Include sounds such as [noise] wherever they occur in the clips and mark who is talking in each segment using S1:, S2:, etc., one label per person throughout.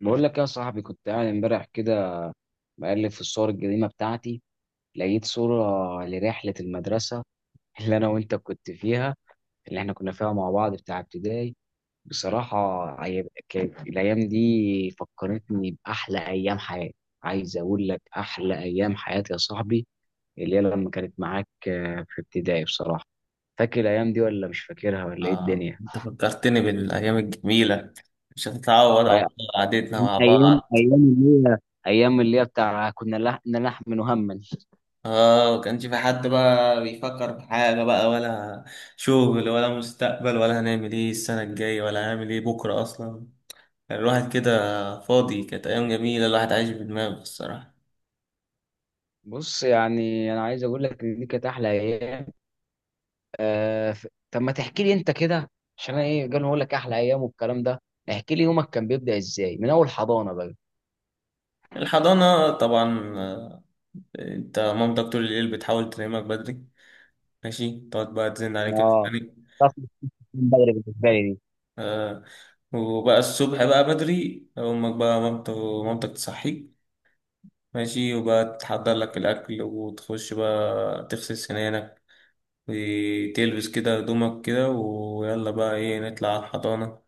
S1: بقول لك يا صاحبي، كنت قاعد امبارح كده، بقلب في الصور القديمة بتاعتي. لقيت صورة لرحلة المدرسة [laughs] اللي أنا وأنت كنت فيها، اللي إحنا كنا فيها مع بعض بتاع ابتدائي. بصراحة، كانت الأيام دي فكرتني بأحلى أيام حياتي. عايز أقول لك أحلى أيام حياتي يا صاحبي، اللي هي لما كانت معاك في ابتدائي بصراحة. فاكر الأيام دي ولا مش فاكرها ولا إيه
S2: آه،
S1: الدنيا؟
S2: أنت فكرتني بالأيام الجميلة. مش هتتعوض
S1: آه،
S2: على قعدتنا مع
S1: أيام
S2: بعض.
S1: أيام اللي هي، أيام اللي هي بتاع كنا نلحن هما.
S2: آه، مكانش في حد بقى بيفكر في حاجة بقى، ولا شغل ولا مستقبل، ولا هنعمل إيه السنة الجاية، ولا هنعمل إيه بكرة أصلا. كان الواحد كده فاضي، كانت أيام جميلة، الواحد عايش بدماغه الصراحة.
S1: بص، يعني انا عايز اقول لك ان دي كانت احلى ايام. طب ما تحكي لي انت كده، عشان انا ايه قال اقول لك احلى ايام والكلام ده. احكي لي يومك كان بيبدا ازاي من اول حضانه بقى.
S2: الحضانة طبعا، أنت مامتك طول الليل بتحاول تنامك بدري، ماشي، تقعد بقى تزن عليك.
S1: اه، طفل [laughs] من بدري بالنسبه لي.
S2: آه. وبقى الصبح بقى بدري، أمك بقى مامتك تصحيك، ماشي، وبقى تحضر لك الأكل، وتخش بقى تغسل سنانك، وتلبس كده هدومك كده، ويلا بقى إيه نطلع على الحضانة.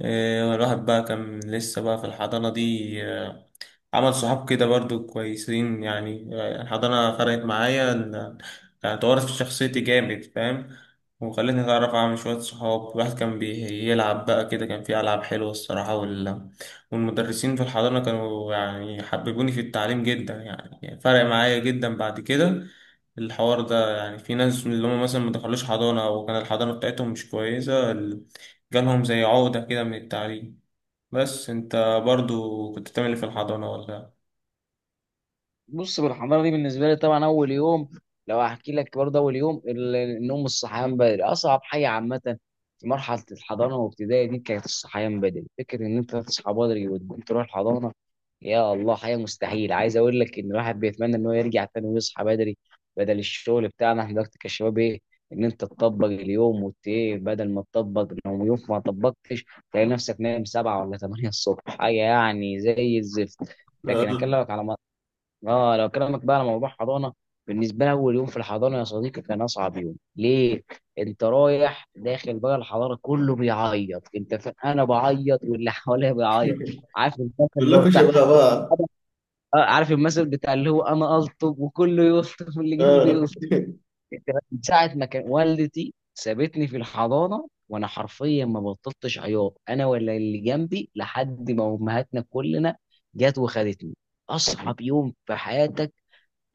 S2: الواحد بقى كان لسه بقى في الحضانة دي، عمل صحاب كده برضو كويسين، يعني الحضانة فرقت معايا يعني طورت في شخصيتي جامد فاهم. وخلتني أتعرف على شوية صحاب، الواحد كان بيلعب بقى كده، كان في ألعاب حلوة الصراحة، والمدرسين في الحضانة كانوا يعني حببوني في التعليم جدا، يعني فرق معايا جدا بعد كده الحوار ده. يعني في ناس من اللي هم مثلا ما دخلوش حضانة، أو كان الحضانة بتاعتهم مش كويسة، جالهم زي عقدة كده من التعليم. بس انت برضو كنت بتعمل ايه في الحضانة ولا؟
S1: بص، بالحضانه دي بالنسبه لي طبعا اول يوم. لو هحكي لك برضه اول يوم، النوم، الصحيان بدري اصعب حاجه عامه. في مرحله الحضانه وابتدائي دي كانت الصحيان بدري، فكره ان انت تصحى بدري وتقوم تروح الحضانه يا الله حاجه مستحيل. عايز اقول لك ان الواحد بيتمنى ان هو يرجع تاني ويصحى بدري، بدل الشغل بتاعنا احنا دلوقتي كشباب ايه، ان انت تطبق اليوم وت إيه، بدل ما تطبق لو يوم ما طبقتش تلاقي نفسك نايم 7 ولا 8 الصبح، حاجه يعني زي الزفت. لكن
S2: آه.
S1: اكلمك على، اه، لو كلامك بقى على موضوع حضانه بالنسبه لي، اول يوم في الحضانه يا صديقي كان اصعب يوم ليه. انت رايح داخل بقى الحضانه كله بيعيط، انت انا بعيط واللي حواليا بيعيط. عارف المثل اللي هو
S2: كلكم
S1: بتاع،
S2: شباب بقى.
S1: أنا- آه، عارف المثل بتاع اللي هو انا الطب وكله يلطف واللي جنبي
S2: آه.
S1: يلطف.
S2: [laughs]
S1: أنت، من ساعه ما كان والدتي سابتني في الحضانه وانا حرفيا ما بطلتش عياط، انا ولا اللي جنبي لحد ما امهاتنا كلنا جت وخدتني. اصعب يوم في حياتك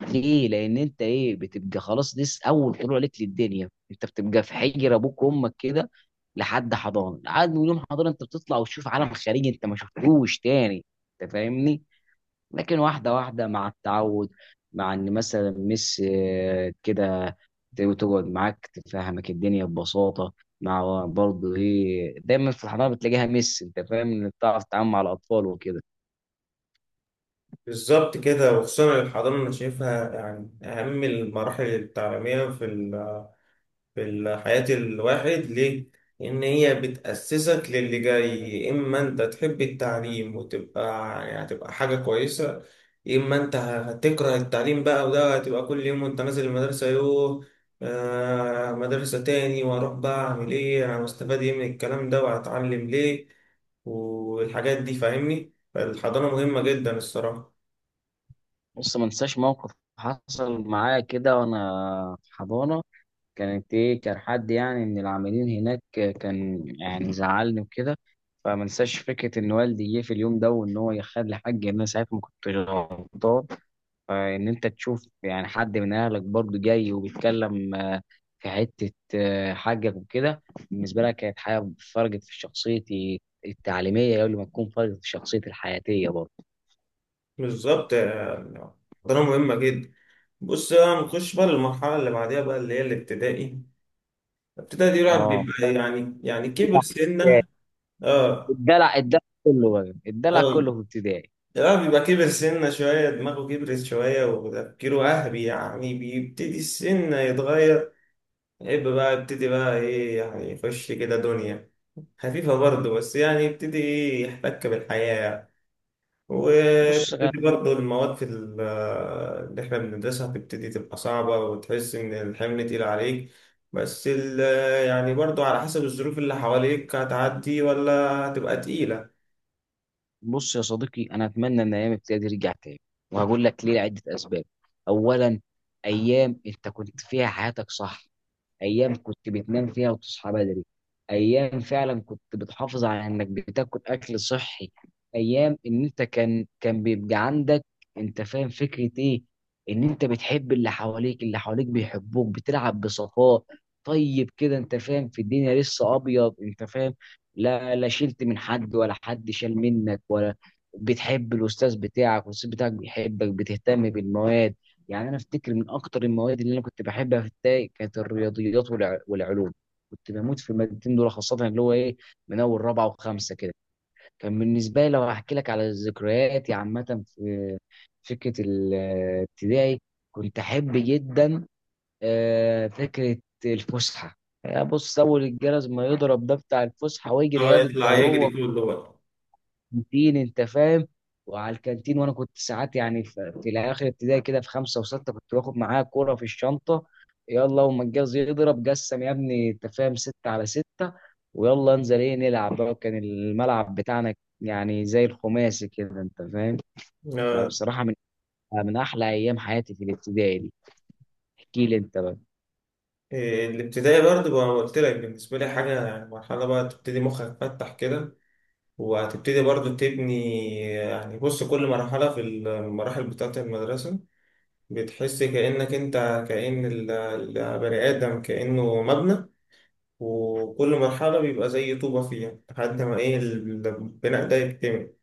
S1: ليه؟ لأن أنت إيه بتبقى خلاص، دي أول طلوع لك للدنيا، أنت بتبقى في حجر أبوك وأمك كده لحد حضانة، لحد من يوم حضانة أنت بتطلع وتشوف عالم خارجي أنت ما شفتوش تاني. أنت فاهمني؟ لكن واحدة واحدة مع التعود، مع إن مثلا مس كده تقعد معاك تفهمك الدنيا ببساطة. مع برضه إيه دايما في الحضانة بتلاقيها مس، أنت فاهم إن بتعرف تتعامل مع الأطفال وكده.
S2: بالظبط كده. وخصوصا الحضانة أنا شايفها يعني أهم المراحل التعليمية في حياة الواحد، ليه؟ إن هي بتأسسك للي جاي. يا إما أنت تحب التعليم وتبقى يعني هتبقى حاجة كويسة، يا إما أنت هتكره التعليم بقى، وده هتبقى كل يوم وأنت نازل المدرسة يوه، آه مدرسة تاني، وأروح بقى أعمل إيه، أنا مستفاد إيه من الكلام ده، وهتعلم ليه والحاجات دي فاهمني؟ فالحضانة مهمة جدا الصراحة.
S1: بص، ما انساش موقف حصل معايا كده وانا في حضانه، كانت ايه، كان حد يعني من العاملين هناك كان يعني زعلني وكده. فما انساش فكره ان والدي جه في اليوم ده وان هو يخلي حقي، ان انا ساعتها ما كنتش غلطان. فان انت تشوف يعني حد من اهلك برضه جاي وبيتكلم في حته حقك وكده، بالنسبه لك كانت حاجه فرقت في شخصيتي التعليميه قبل ما تكون فرقت في شخصيتي الحياتيه برضه.
S2: بالظبط. الحضانة مهمة جدا. بص بقى نخش بقى للمرحلة اللي بعديها بقى، اللي هي الابتدائي. ابتدائي الواحد
S1: اه،
S2: بيبقى يعني كبر سنة. اه.
S1: الدلع الدلع، كله بقى الدلع كله
S2: اه.
S1: في ابتدائي.
S2: الواحد بيبقى كبر سنة شوية، دماغه كبرت شوية، وتفكيره أهبي، يعني بيبتدي السن يتغير، يبقى بقى يبتدي بقى إيه يعني يخش كده دنيا خفيفة برضه، بس يعني يبتدي إيه يحتك بالحياة.
S1: بص
S2: وتبتدي برضه المواد اللي احنا بندرسها تبتدي تبقى صعبة، وتحس إن الحمل تقيل عليك. بس ال- يعني برضه على حسب الظروف اللي حواليك هتعدي ولا هتبقى تقيلة.
S1: بص يا صديقي، انا اتمنى ان ايام ابتدائي دي رجعت تاني. وهقول لك ليه لعده اسباب. اولا، ايام انت كنت فيها حياتك صح، ايام كنت بتنام فيها وتصحى بدري، ايام فعلا كنت بتحافظ على انك بتاكل اكل صحي. ايام ان انت كان بيبقى عندك، انت فاهم فكرة ايه، ان انت بتحب اللي حواليك اللي حواليك بيحبوك، بتلعب بصفاء. طيب كده انت فاهم في الدنيا لسه ابيض، انت فاهم، لا لا شلت من حد ولا حد شال منك ولا. بتحب الاستاذ بتاعك والاستاذ بتاعك بيحبك، بتهتم بالمواد. يعني انا افتكر من اكتر المواد اللي انا كنت بحبها في التاي كانت الرياضيات والعلوم. كنت بموت في المادتين دول، خاصه اللي هو ايه من اول رابعه وخمسه كده. كان بالنسبه لي لو هحكي لك على ذكرياتي عامه في فكره الابتدائي، كنت احب جدا فكره الفسحه. بص، اول الجرس ما يضرب ده بتاع الفسحه ويجري
S2: هو
S1: ياض انت
S2: يطلع يجري
S1: وهو
S2: كله بقى.
S1: الكانتين انت فاهم. وعلى الكانتين، وانا كنت ساعات يعني في الاخر ابتدائي كده في خمسه وسته كنت باخد معايا كوره في الشنطه. يلا وما الجاز يضرب قسم يا ابني انت فاهم سته على سته، ويلا انزل ايه نلعب بقى، كان الملعب بتاعنا يعني زي الخماسي كده انت فاهم.
S2: آه،
S1: فبصراحه من احلى ايام حياتي في الابتدائي دي. احكي لي انت بقى،
S2: إيه، الابتدائي برضه بقى قلت لك بالنسبة لي حاجة، يعني مرحلة بقى تبتدي مخك يتفتح كده، وهتبتدي برضه تبني. يعني بص، كل مرحلة في المراحل بتاعة المدرسة بتحس كأنك أنت، كأن ال- البني آدم كأنه مبنى، وكل مرحلة بيبقى زي طوبة فيها لحد ما إيه البناء ده يكتمل.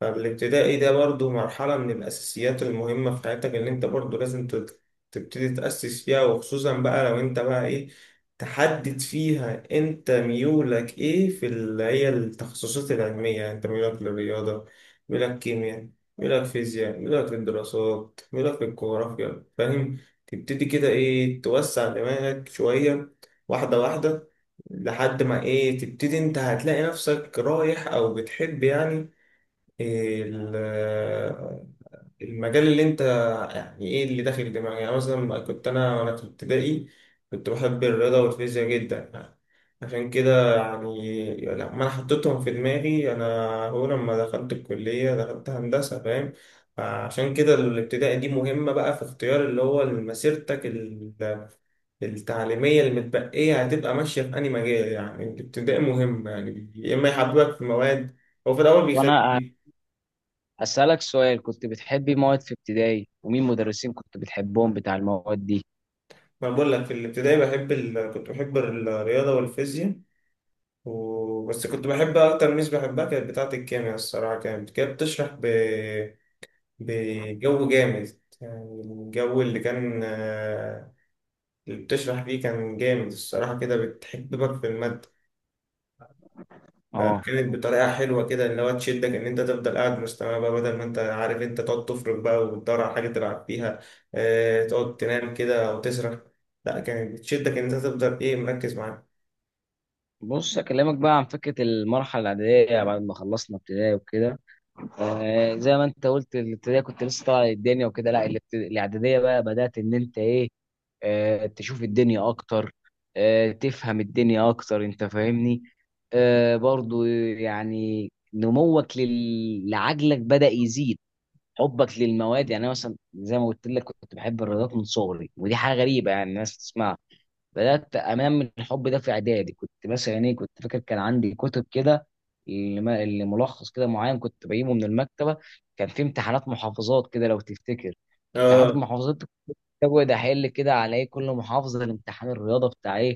S2: فالابتدائي ده برضو مرحلة من الأساسيات المهمة في حياتك، اللي أنت برضو لازم تبتدي تأسس فيها. وخصوصا بقى لو أنت بقى إيه تحدد فيها أنت ميولك إيه، في اللي هي التخصصات العلمية، يعني أنت ميولك للرياضة، ميولك كيمياء، ميولك فيزياء، ميولك للدراسات، ميولك للجغرافيا فاهم. تبتدي كده إيه توسع دماغك شوية، واحدة واحدة، لحد ما إيه تبتدي أنت هتلاقي نفسك رايح أو بتحب يعني ال- المجال اللي انت، يعني ايه اللي داخل دماغي. يعني مثلا كنت انا وانا في ابتدائي كنت بحب الرياضة والفيزياء جدا، يعني عشان كده يعني لما انا حطيتهم في دماغي انا، هو لما دخلت الكلية دخلت هندسة فاهم. عشان كده الابتدائي دي مهمة بقى في اختيار اللي هو مسيرتك التعليمية، اللي متبقية هتبقى ماشية في أي مجال. يعني الابتدائي مهم يعني، يا إما يحببك في مواد. هو في الأول بيخاف.
S1: وانا اسالك سؤال، كنت بتحبي مواد في ابتدائي، ومين مدرسين كنت بتحبهم بتاع المواد دي.
S2: ما بقول لك في الابتدائي بحب كنت بحب الرياضة والفيزياء، بس كنت بحب أكتر ميس بحبها كانت بتاعة الكيمياء الصراحة، كانت بتشرح بجو جامد. يعني الجو اللي كان، اللي بتشرح فيه كان جامد الصراحة، كده بتحببك في المادة.
S1: اه،
S2: فكانت بطريقة حلوة كده اللي هو تشدك إن أنت تفضل قاعد مستمع بقى، بدل ما أنت عارف أنت تقعد تفرك بقى وتدور على حاجة تلعب فيها، تقعد تنام كده أو تسرح. لا، كانت بتشدك إن أنت تفضل إيه مركز معاها.
S1: بص اكلمك بقى عن فكره المرحله الاعداديه بعد ما خلصنا ابتدائي وكده. زي ما انت قلت الابتدائي كنت لسه طالع الدنيا وكده، لا، الاعداديه بقى بدات ان انت ايه، تشوف الدنيا اكتر، تفهم الدنيا اكتر، انت فاهمني. برضو يعني نموك لعجلك بدا يزيد، حبك للمواد. يعني انا مثلا زي ما قلت لك كنت بحب الرياضات من صغري، ودي حاجه غريبه يعني الناس تسمعها. بدات انمي الحب ده في اعدادي. كنت مثلا ايه كنت فاكر كان عندي كتب كده، اللي ما- اللي ملخص كده معين كنت بجيبه من المكتبه. كان في امتحانات محافظات كده لو تفتكر، امتحانات
S2: اه.
S1: المحافظات كابوي احل كده على ايه كل محافظه الامتحان الرياضه بتاع ايه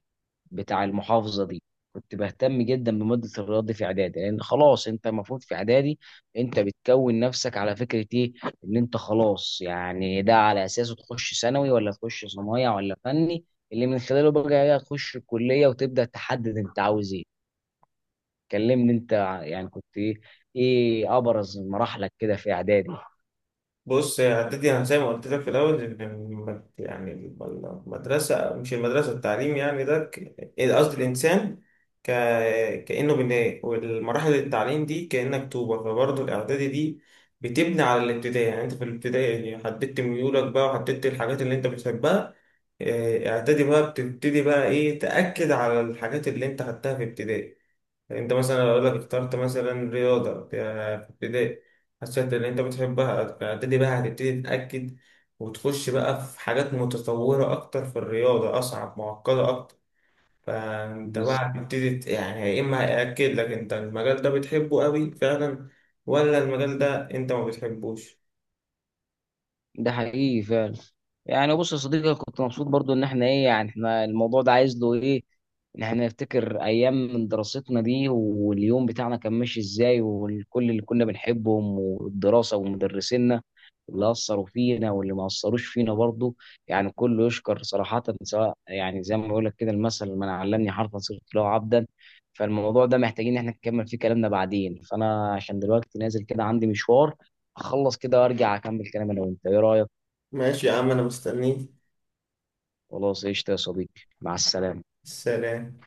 S1: بتاع المحافظه دي. كنت بهتم جدا بماده الرياضه دي في اعدادي، لان خلاص انت المفروض في اعدادي انت بتكون نفسك على فكره ايه، ان انت خلاص يعني ده على اساسه تخش ثانوي ولا تخش صنايع ولا فني اللي من خلاله بقى ايه تخش الكليه وتبدا تحدد انت عاوز ايه. كلمني انت يعني كنت ايه، ايه ابرز مراحلك كده في اعدادي.
S2: بص يا عدتي، انا زي ما قلت لك في الاول، إن يعني المدرسه، مش المدرسه، التعليم يعني ده ك- إيه، قصدي الانسان ك... كانه بناء، والمراحل التعليم دي كانك طوبه، فبرضه الاعدادي دي بتبني على الابتدائي. يعني انت في الابتدائي حددت ميولك بقى، وحددت الحاجات اللي انت بتحبها. اعدادي بقى بتبتدي بقى ايه تاكد على الحاجات اللي انت خدتها في ابتدائي. انت مثلا لو لك اخترت مثلا رياضة في ابتدائي، حسيت ان انت بتحبها فابتدي بقى هتبتدي تتأكد، وتخش بقى في حاجات متطورة اكتر في الرياضة، اصعب معقدة اكتر. فانت بقى
S1: بز-
S2: هتبتدي يعني يا اما هيأكد لك انت المجال ده بتحبه قوي فعلا، ولا المجال ده انت ما بتحبوش.
S1: ده حقيقي فعلا. يعني بص يا صديقي، أنا كنت مبسوط برضو ان احنا ايه يعني احنا الموضوع ده عايز له ايه، ان احنا نفتكر ايام من دراستنا دي واليوم بتاعنا كان ماشي ازاي، والكل اللي كنا بنحبهم، والدراسة ومدرسينا اللي اثروا فينا واللي ما اثروش فينا برضو. يعني كله يشكر صراحة، سواء يعني زي ما بقول لك كده، المثل من علمني حرفا صرت له عبدا. فالموضوع ده محتاجين ان احنا نكمل فيه كلامنا بعدين، فانا عشان دلوقتي نازل كده عندي مشوار، اخلص كده وارجع اكمل كلام انا وانت، ايه رأيك؟
S2: ماشي يا عم، انا مستنيك.
S1: خلاص قشطة يا صديقي، مع السلامة.
S2: سلام.